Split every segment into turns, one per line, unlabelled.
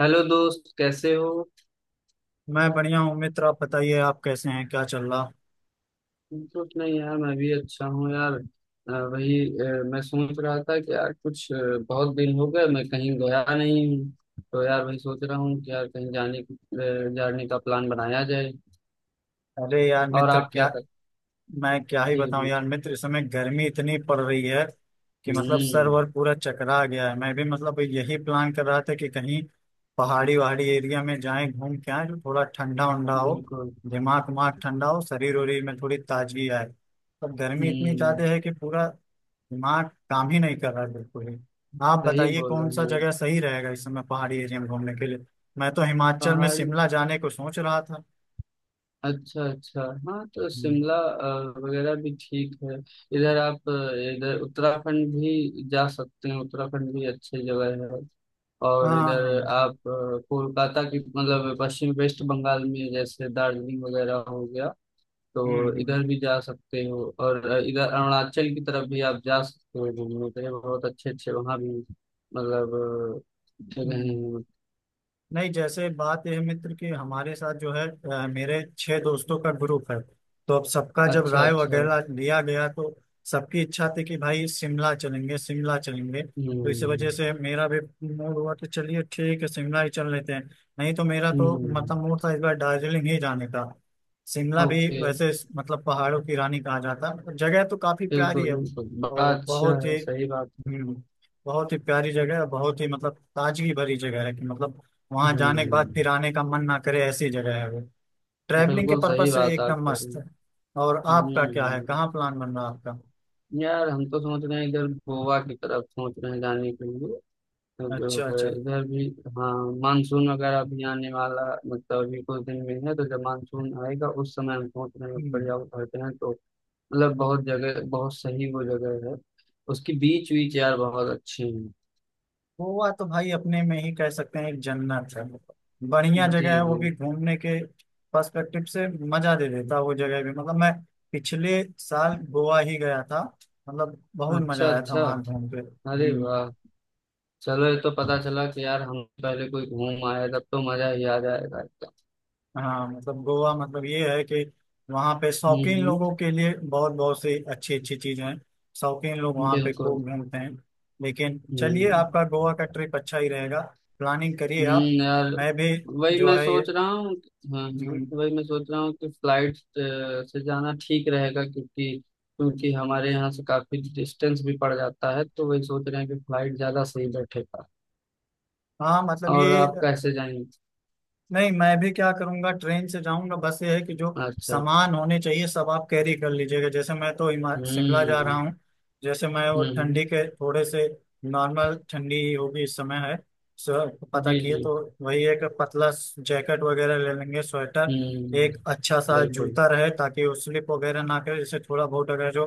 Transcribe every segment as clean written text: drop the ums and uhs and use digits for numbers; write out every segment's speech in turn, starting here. Hello दोस्त, कैसे हो।
मैं बढ़िया हूँ मित्र। आप बताइए, आप कैसे हैं? क्या चल रहा?
कुछ नहीं यार, मैं भी अच्छा हूँ यार। वही मैं सोच रहा था कि यार कुछ बहुत दिन हो गए मैं कहीं गया नहीं हूँ। तो यार वही सोच रहा हूँ कि यार कहीं जाने का प्लान बनाया जाए।
अरे यार
और
मित्र,
आप क्या
क्या
कर।
मैं क्या ही
जी
बताऊं
जी।
यार मित्र। इस समय गर्मी इतनी पड़ रही है कि मतलब सर
हम्म।
वर पूरा चकरा गया है। मैं भी मतलब यही प्लान कर रहा था कि कहीं पहाड़ी वहाड़ी एरिया में जाएं, घूम के आए, जो थोड़ा ठंडा उंडा हो,
बिल्कुल।
दिमाग उमाग ठंडा हो, शरीर वरीर में थोड़ी ताजगी आए। पर गर्मी इतनी
हम्म।
ज्यादा है कि पूरा दिमाग काम ही नहीं कर रहा है बिल्कुल ही। आप
सही
बताइए,
बोल
कौन सा
रहे हैं।
जगह सही रहेगा इस समय पहाड़ी एरिया में घूमने के लिए? मैं तो हिमाचल में
पहाड़ी।
शिमला जाने को सोच रहा था।
अच्छा अच्छा। हाँ, तो
हम्म।
शिमला वगैरह भी ठीक है। इधर उत्तराखंड भी जा सकते हैं, उत्तराखंड भी अच्छी जगह है।
हाँ
और
हाँ।
इधर
हम्म।
आप कोलकाता की मतलब पश्चिम वेस्ट बंगाल में जैसे दार्जिलिंग वगैरह हो गया। तो
हम्म।
इधर भी जा सकते हो, और इधर अरुणाचल की तरफ भी आप जा सकते हो घूमने के लिए, बहुत अच्छे अच्छे वहाँ भी मतलब जगह
हम्म।
हैं।
नहीं, जैसे बात यह है मित्र कि हमारे साथ जो है मेरे छह दोस्तों का ग्रुप है। तो अब सबका जब
अच्छा
राय
अच्छा।
वगैरह लिया गया तो सबकी इच्छा थी कि भाई शिमला चलेंगे, शिमला चलेंगे। तो इस
हम्म
वजह से मेरा भी मूड हुआ, तो चलिए, ठीक है, शिमला ही चल लेते हैं। नहीं तो मेरा तो
हम्म।
मतलब मूड था इस बार दार्जिलिंग ही जाने का। शिमला भी
ओके।
वैसे मतलब पहाड़ों की रानी कहा जाता है, जगह तो काफी प्यारी
बिल्कुल
है।
बिल्कुल, बड़ा
और
अच्छा है, सही बात है।
हम्म, बहुत ही प्यारी जगह है। बहुत ही मतलब ताजगी भरी जगह है कि मतलब वहां जाने के बाद
हम्म।
फिर आने का मन ना करे, ऐसी जगह है वो। ट्रैवलिंग के
बिल्कुल
पर्पज
सही
से
बात आप
एकदम
कह रहे
मस्त
हैं।
है। और आपका क्या है?
हम्म।
कहाँ प्लान बन रहा है आपका?
यार, हम तो सोच रहे हैं इधर गोवा की तरफ सोच रहे हैं जाने के लिए, तो
अच्छा
जो है,
अच्छा।
इधर भी। हाँ। मानसून वगैरह भी आने वाला मतलब अभी कुछ दिन में है, तो जब मानसून आएगा उस समय हम सोच रहे हैं
हम्म।
बढ़िया उतरते हैं, तो मतलब बहुत जगह, बहुत सही वो जगह है। उसकी बीच बीच यार बहुत अच्छे हैं।
गोवा तो भाई अपने में ही कह सकते हैं एक जन्नत है। बढ़िया जगह
जी
है वो भी
जी।
घूमने के पर्सपेक्टिव से, मजा दे देता है वो जगह भी। मतलब मैं पिछले साल गोवा ही गया था, मतलब बहुत
अच्छा
मजा आया था
अच्छा।
वहां घूम के।
अरे
हम्म।
वाह। चलो, ये तो पता चला कि यार हम पहले कोई घूम आए, तब तो मजा ही आ जाएगा एकदम।
हाँ, मतलब गोवा मतलब ये है कि वहाँ पे शौकीन लोगों
हम्म।
के लिए बहुत बहुत सी अच्छी अच्छी चीजें हैं। शौकीन लोग वहाँ पे
बिल्कुल।
खूब घूमते हैं। लेकिन चलिए,
हम्म
आपका गोवा का ट्रिप अच्छा ही रहेगा। प्लानिंग करिए आप।
यार।
मैं भी
वही
जो
मैं
है ये।
सोच रहा हूँ। हाँ हाँ,
हम्म।
वही मैं सोच रहा हूँ कि फ्लाइट से जाना ठीक रहेगा, क्योंकि क्योंकि हमारे यहाँ से काफी डिस्टेंस भी पड़ जाता है, तो वही सोच रहे हैं कि फ्लाइट ज्यादा सही बैठेगा।
हाँ, मतलब
और
ये।
आप कैसे जाएंगे?
नहीं, मैं भी क्या करूंगा, ट्रेन से जाऊंगा। बस ये है कि जो
अच्छा अच्छा।
सामान होने चाहिए सब आप कैरी कर लीजिएगा। जैसे मैं तो शिमला जा रहा
हम्म
हूँ। जैसे मैं वो
हम्म।
ठंडी के थोड़े से नॉर्मल ठंडी ही होगी इस समय है। सो पता
जी
किए
जी।
तो वही एक पतला जैकेट वगैरह ले लेंगे, स्वेटर। एक
हम्म।
अच्छा सा
बिल्कुल।
जूता रहे ताकि वो स्लिप वगैरह ना करे। जैसे थोड़ा बहुत अगर जो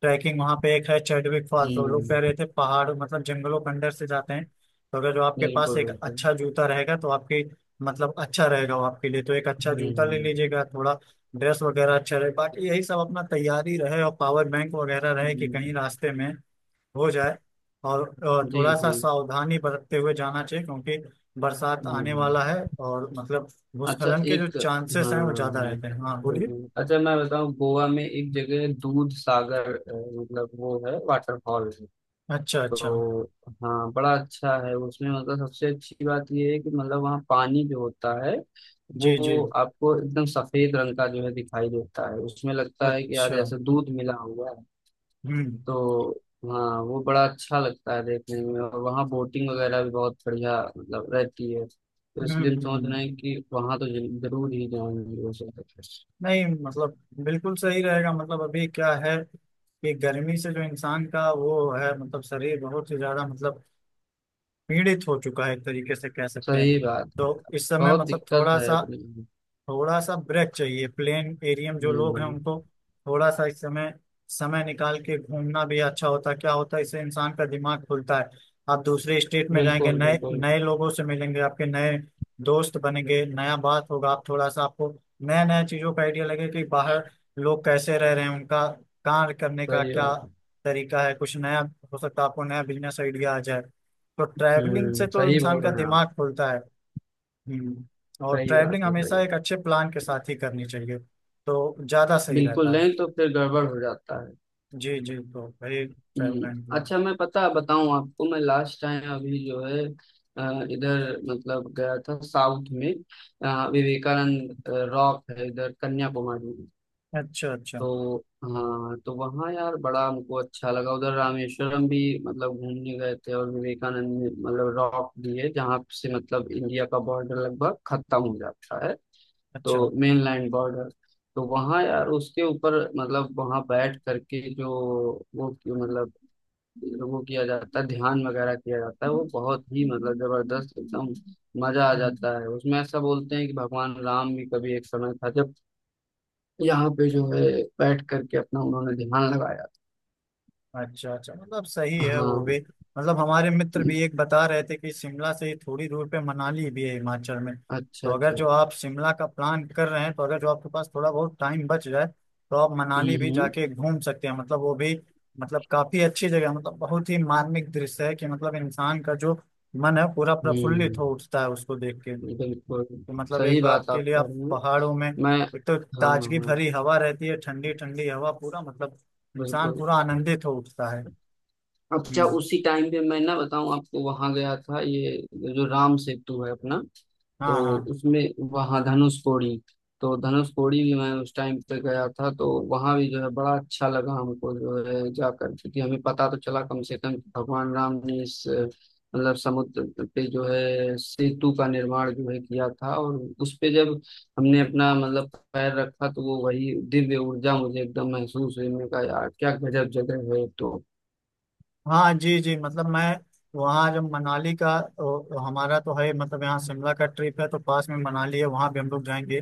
ट्रैकिंग वहाँ पे एक है चैडविक फॉल, तो लोग कह
हम्म,
रहे थे पहाड़ मतलब जंगलों के अंदर से जाते हैं। तो अगर जो आपके पास
बिल्कुल
एक
बिल्कुल।
अच्छा जूता रहेगा तो आपकी मतलब अच्छा रहेगा वो आपके लिए। तो एक अच्छा जूता ले
हम्म,
लीजिएगा, थोड़ा ड्रेस वगैरह अच्छा रहे, बाकी यही सब अपना तैयारी रहे और पावर बैंक वगैरह रहे कि कहीं
हम्म।
रास्ते में हो जाए। और
जी
थोड़ा सा
जी।
सावधानी बरतते हुए जाना चाहिए क्योंकि बरसात आने
हम्म,
वाला है और मतलब
अच्छा,
भूस्खलन के जो
एक, हाँ,
चांसेस हैं वो ज्यादा
हम्म।
रहते हैं। हाँ बोलिए।
अच्छा मैं बताऊं, गोवा में एक जगह है, दूध सागर मतलब वो है, वाटरफॉल है।
अच्छा अच्छा।
तो हाँ, बड़ा अच्छा है, उसमें मतलब सबसे अच्छी बात ये है कि मतलब वहाँ पानी जो होता है, वो
जी जी।
आपको एकदम सफेद रंग का जो है दिखाई देता है, उसमें लगता है कि यार
अच्छा।
जैसे दूध मिला हुआ है।
हम्म।
तो हाँ, वो बड़ा अच्छा लगता है देखने में, और वहाँ बोटिंग वगैरह भी बहुत बढ़िया मतलब रहती है, तो
हम्म।
इसलिए हम सोच
हम्म।
रहे हैं कि वहाँ तो जरूर ही जाएंगे वो सब।
नहीं मतलब बिल्कुल सही रहेगा। मतलब अभी क्या है कि गर्मी से जो इंसान का वो है मतलब शरीर बहुत ही ज्यादा मतलब पीड़ित हो चुका है एक तरीके से कह सकते हैं।
सही बात है।
तो इस समय
बहुत
मतलब
दिक्कत है अपनी।
थोड़ा सा ब्रेक चाहिए, प्लेन एरिया में जो लोग हैं
हम्म,
उनको। थोड़ा सा इस समय समय निकाल के घूमना भी अच्छा होता है। क्या होता है, इससे इंसान का दिमाग खुलता है। आप दूसरे स्टेट में जाएंगे,
बिल्कुल
नए
बिल्कुल
नए लोगों से मिलेंगे, आपके नए दोस्त बनेंगे, नया बात होगा। आप थोड़ा सा, आपको नया नया चीजों का आइडिया लगे कि बाहर लोग कैसे रह रहे हैं, उनका कार्य करने का
सही
क्या
बात।
तरीका है, कुछ नया। हो सकता है आपको नया बिजनेस आइडिया आ जाए, तो ट्रैवलिंग से
हम्म,
तो
सही बोल
इंसान का
रहे हैं आप।
दिमाग खुलता है। और
सही
ट्रैवलिंग
बात है, सही
हमेशा एक
बात।
अच्छे प्लान के साथ ही करनी चाहिए, तो ज़्यादा सही
बिल्कुल,
रहता है।
नहीं तो फिर गड़बड़ हो जाता है।
जी जी, तो भाई ट्रैवल एंड
हम्म,
प्लान।
अच्छा मैं पता बताऊं आपको, मैं लास्ट टाइम अभी जो है इधर मतलब गया था साउथ में। विवेकानंद रॉक है इधर कन्याकुमारी में।
अच्छा अच्छा।
तो हाँ, तो वहाँ यार बड़ा हमको अच्छा लगा, उधर रामेश्वरम भी मतलब घूमने गए थे, और विवेकानंद में, मतलब रॉक भी है जहाँ से मतलब इंडिया का बॉर्डर लगभग खत्म हो जाता है।
अच्छा।
तो मेनलैंड बॉर्डर। तो वहाँ यार उसके ऊपर मतलब वहाँ बैठ करके जो वो मतलब वो किया जाता है, ध्यान वगैरह किया जाता है, वो बहुत ही मतलब जबरदस्त एकदम, मजा आ
हम्म।
जाता है उसमें। ऐसा बोलते हैं कि भगवान राम भी कभी एक समय था जब यहाँ पे जो है बैठ करके अपना उन्होंने ध्यान लगाया
अच्छा अच्छा, मतलब सही
था,
है वो
हाँ।
भी। मतलब हमारे मित्र भी एक बता रहे थे कि शिमला से ही थोड़ी दूर पे मनाली भी है हिमाचल में।
अच्छा
तो अगर
अच्छा,
जो आप शिमला का प्लान कर रहे हैं तो अगर जो आपके पास थोड़ा बहुत टाइम बच जाए तो आप
हम्म
मनाली भी
हम्म
जाके घूम सकते हैं, मतलब वो भी मतलब काफी अच्छी जगह है। मतलब बहुत ही मार्मिक दृश्य है कि मतलब इंसान का जो मन है पूरा प्रफुल्लित
हम्म।
हो उठता है उसको देख के।
बिल्कुल
तो मतलब एक
सही
बार
बात
के
आप
लिए
कह
आप
रहे हो।
पहाड़ों में,
मैं,
एक तो
हाँ हाँ
ताजगी
हाँ,
भरी हवा रहती है, ठंडी ठंडी हवा, पूरा मतलब इंसान
बिल्कुल।
पूरा आनंदित हो उठता है।
अच्छा,
हम्म।
उसी टाइम पे मैं ना बताऊं आपको, वहां गया था ये जो राम सेतु है अपना।
हाँ
तो
हाँ
उसमें, वहाँ धनुष कोडी। तो धनुष कोडी भी मैं उस टाइम पे गया था, तो वहाँ भी जो है बड़ा अच्छा लगा हमको जो है जाकर, क्योंकि हमें पता तो चला कम से कम कि भगवान राम ने इस मतलब समुद्र पे जो है सेतु का निर्माण जो है किया था, और उस पे जब हमने अपना मतलब पैर रखा, तो वो वही दिव्य ऊर्जा मुझे एकदम महसूस हुई, मैंने कहा यार क्या गजब जगह है, तो।
हाँ। जी जी, मतलब मैं वहाँ जब मनाली का हमारा तो है मतलब यहाँ शिमला का ट्रिप है, तो पास में मनाली है, वहाँ भी हम लोग जाएंगे।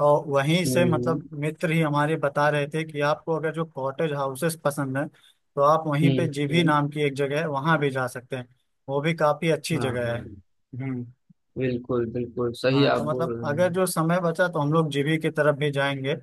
और वहीं से
हम्म
मतलब मित्र ही हमारे बता रहे थे कि आपको अगर जो कॉटेज हाउसेस पसंद है तो आप वहीं पे
हम्म
जीभी
हम्म,
नाम की एक जगह है वहाँ भी जा सकते हैं। वो भी काफ़ी अच्छी
हाँ
जगह है।
हाँ,
हम्म।
बिल्कुल बिल्कुल सही
हाँ,
आप
तो
बोल
मतलब
रहे
अगर
हैं।
जो समय बचा तो हम लोग जीभी की तरफ भी जाएंगे।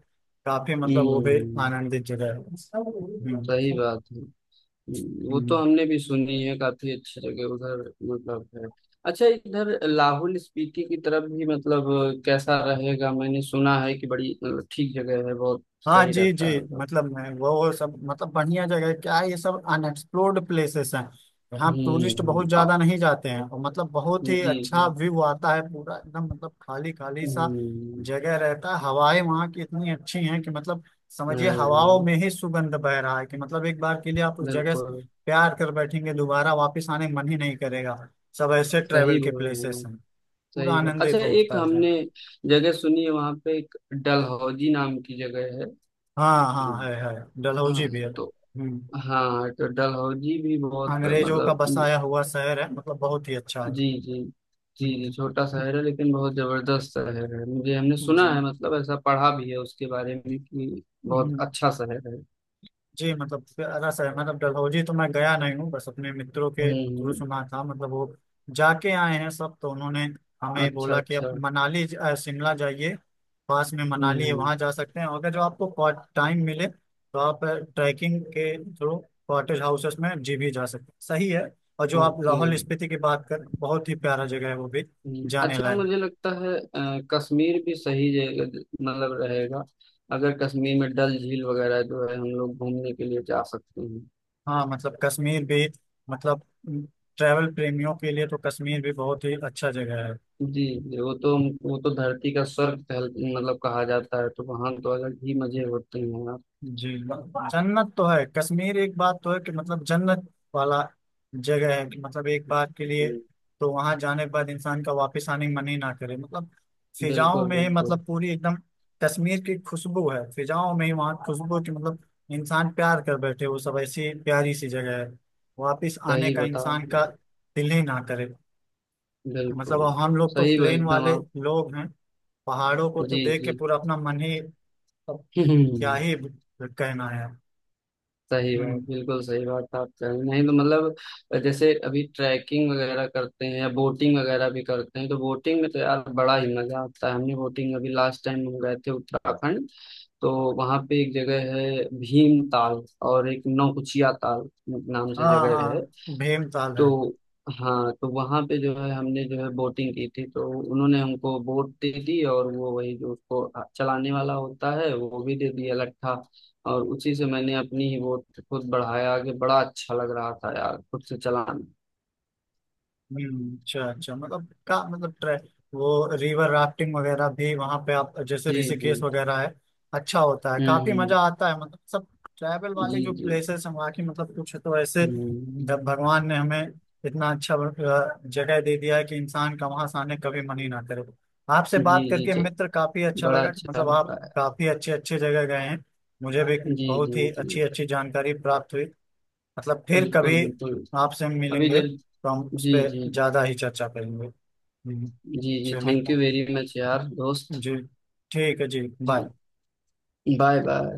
काफ़ी मतलब वो भी
हम्म,
आनंदित जगह है। हम्म।
सही
हम्म।
बात है। वो तो
हम्म।
हमने भी सुनी है, काफी अच्छी जगह उधर मतलब है। अच्छा, इधर लाहौल स्पीति की तरफ भी मतलब कैसा रहेगा? मैंने सुना है कि बड़ी मतलब, ठीक जगह है, बहुत
हाँ
सही
जी जी,
रहता है उधर।
मतलब मैं वो सब मतलब बढ़िया जगह है। क्या है, ये सब अनएक्सप्लोर्ड प्लेसेस हैं। यहाँ टूरिस्ट बहुत
हम्म,
ज्यादा नहीं जाते हैं और मतलब बहुत ही
जी
अच्छा
जी,
व्यू आता है पूरा एकदम, मतलब खाली खाली सा
हम्म।
जगह रहता है। हवाएं वहाँ की इतनी अच्छी हैं कि मतलब समझिए हवाओं
हाँ,
में ही सुगंध बह रहा है, कि मतलब एक बार के लिए आप उस जगह से
बिल्कुल,
प्यार कर बैठेंगे, दोबारा वापस आने मन ही नहीं करेगा। सब ऐसे
सही
ट्रेवल के
बोल रहे हैं
प्लेसेस
आप,
हैं, पूरा
सही बात। अच्छा,
आनंदित होता
एक
है जो।
हमने जगह सुनी है, वहां पे एक डलहौजी नाम की जगह है।
हाँ हाँ, है,
हाँ,
डलहौजी भी है।
तो
हम्म।
हाँ, तो डलहौजी भी बहुत
अंग्रेजों का
मतलब।
बसाया हुआ शहर है, मतलब बहुत ही अच्छा है।
जी जी, जी जी,
हम्म,
छोटा शहर है लेकिन बहुत जबरदस्त शहर है, मुझे हमने सुना
जी।
है मतलब, ऐसा पढ़ा भी है उसके बारे में कि बहुत
हम्म,
अच्छा शहर है।
जी, मतलब प्यारा सा है, मतलब डलहौजी तो मैं गया नहीं हूँ, बस अपने मित्रों के थ्रू
हम्म,
सुना था। मतलब वो जाके आए हैं सब तो उन्होंने हमें
अच्छा
बोला कि
अच्छा,
आप मनाली शिमला जाइए। पास में मनाली है,
हम्म।
वहाँ जा सकते हैं अगर जो आपको टाइम मिले, तो आप ट्रैकिंग के थ्रू कॉटेज हाउसेस में जी भी जा सकते हैं, सही है। और जो आप
ओके।
लाहौल स्पीति की बात कर, बहुत ही प्यारा जगह है वो भी, जाने
अच्छा
लायक।
मुझे लगता है कश्मीर भी सही जगह मतलब रहेगा। अगर कश्मीर में डल झील वगैरह जो है, हम लोग घूमने के लिए जा सकते हैं।
हाँ मतलब कश्मीर भी मतलब ट्रैवल प्रेमियों के लिए तो कश्मीर भी बहुत ही अच्छा जगह है।
जी जी, वो तो धरती का स्वर्ग मतलब कहा जाता है, तो वहां तो अलग ही मजे होते हैं आप।
जी। जन्नत तो है कश्मीर, एक बात तो है कि मतलब जन्नत वाला जगह है कि मतलब एक बार के लिए
हम्म,
तो वहां जाने के बाद इंसान का वापस आने का मन ही ना करे। मतलब फिजाओं
बिल्कुल
में ही
बिल्कुल,
मतलब पूरी एकदम कश्मीर की खुशबू है। फिजाओं में ही वहाँ खुशबू की मतलब इंसान प्यार कर बैठे, वो सब ऐसी प्यारी सी जगह है। वापिस आने
सही
का
बताओ,
इंसान का दिल ही ना करे। मतलब
बिल्कुल
अब हम लोग तो
सही बात
प्लेन
एकदम
वाले
आप,
लोग हैं, पहाड़ों को तो
जी
देख के
जी।
पूरा अपना मन ही, अब क्या
हम्म,
ही कहना है।
सही बात,
हम्म।
बिल्कुल सही बात आप कह रहे हैं। नहीं तो मतलब जैसे अभी ट्रैकिंग वगैरह करते हैं या बोटिंग वगैरह भी करते हैं, तो बोटिंग में तो यार बड़ा ही मजा आता है, हमने बोटिंग अभी लास्ट टाइम हम गए थे उत्तराखंड। तो वहां पे एक जगह है भीम ताल, और एक नौकुचिया ताल नाम से
हाँ
जगह
हाँ,
है।
भीमताल है।
तो हाँ, तो वहाँ पे जो है हमने जो है बोटिंग की थी, तो उन्होंने हमको बोट दे दी, और वो वही जो उसको चलाने वाला होता है वो भी दे दिया लट्ठा, और उसी से मैंने अपनी ही बोट खुद बढ़ाया आगे, बड़ा अच्छा लग रहा था यार खुद से चलाना।
अच्छा अच्छा, मतलब का मतलब ट्रे वो रिवर राफ्टिंग वगैरह भी वहां पे आप जैसे
जी जी,
ऋषिकेश वगैरह है, अच्छा होता है, काफी
हम्म,
मजा आता है। मतलब सब ट्रैवल वाले
जी
जो
जी,
प्लेसेस हैं वहाँ की मतलब कुछ तो ऐसे
हम्म,
भगवान ने हमें इतना अच्छा जगह दे दिया है कि इंसान का वहां से आने कभी मन ही ना करे। आपसे
जी
बात
जी
करके मित्र
जी,
काफी अच्छा
बड़ा
लगा,
अच्छा
मतलब
लग
आप
रहा है,
काफी अच्छे अच्छे जगह गए हैं। मुझे भी
जी
बहुत
जी
ही
जी,
अच्छी अच्छी जानकारी प्राप्त हुई। मतलब फिर
बिल्कुल
कभी
बिल्कुल,
आपसे हम
अभी
मिलेंगे
जब,
तो हम उस
जी
पर
जी,
ज्यादा ही चर्चा करेंगे। हम्म,
जी जी,
चलिए,
थैंक यू वेरी मच यार दोस्त।
जी, ठीक है जी,
जी,
बाय।
Bye bye.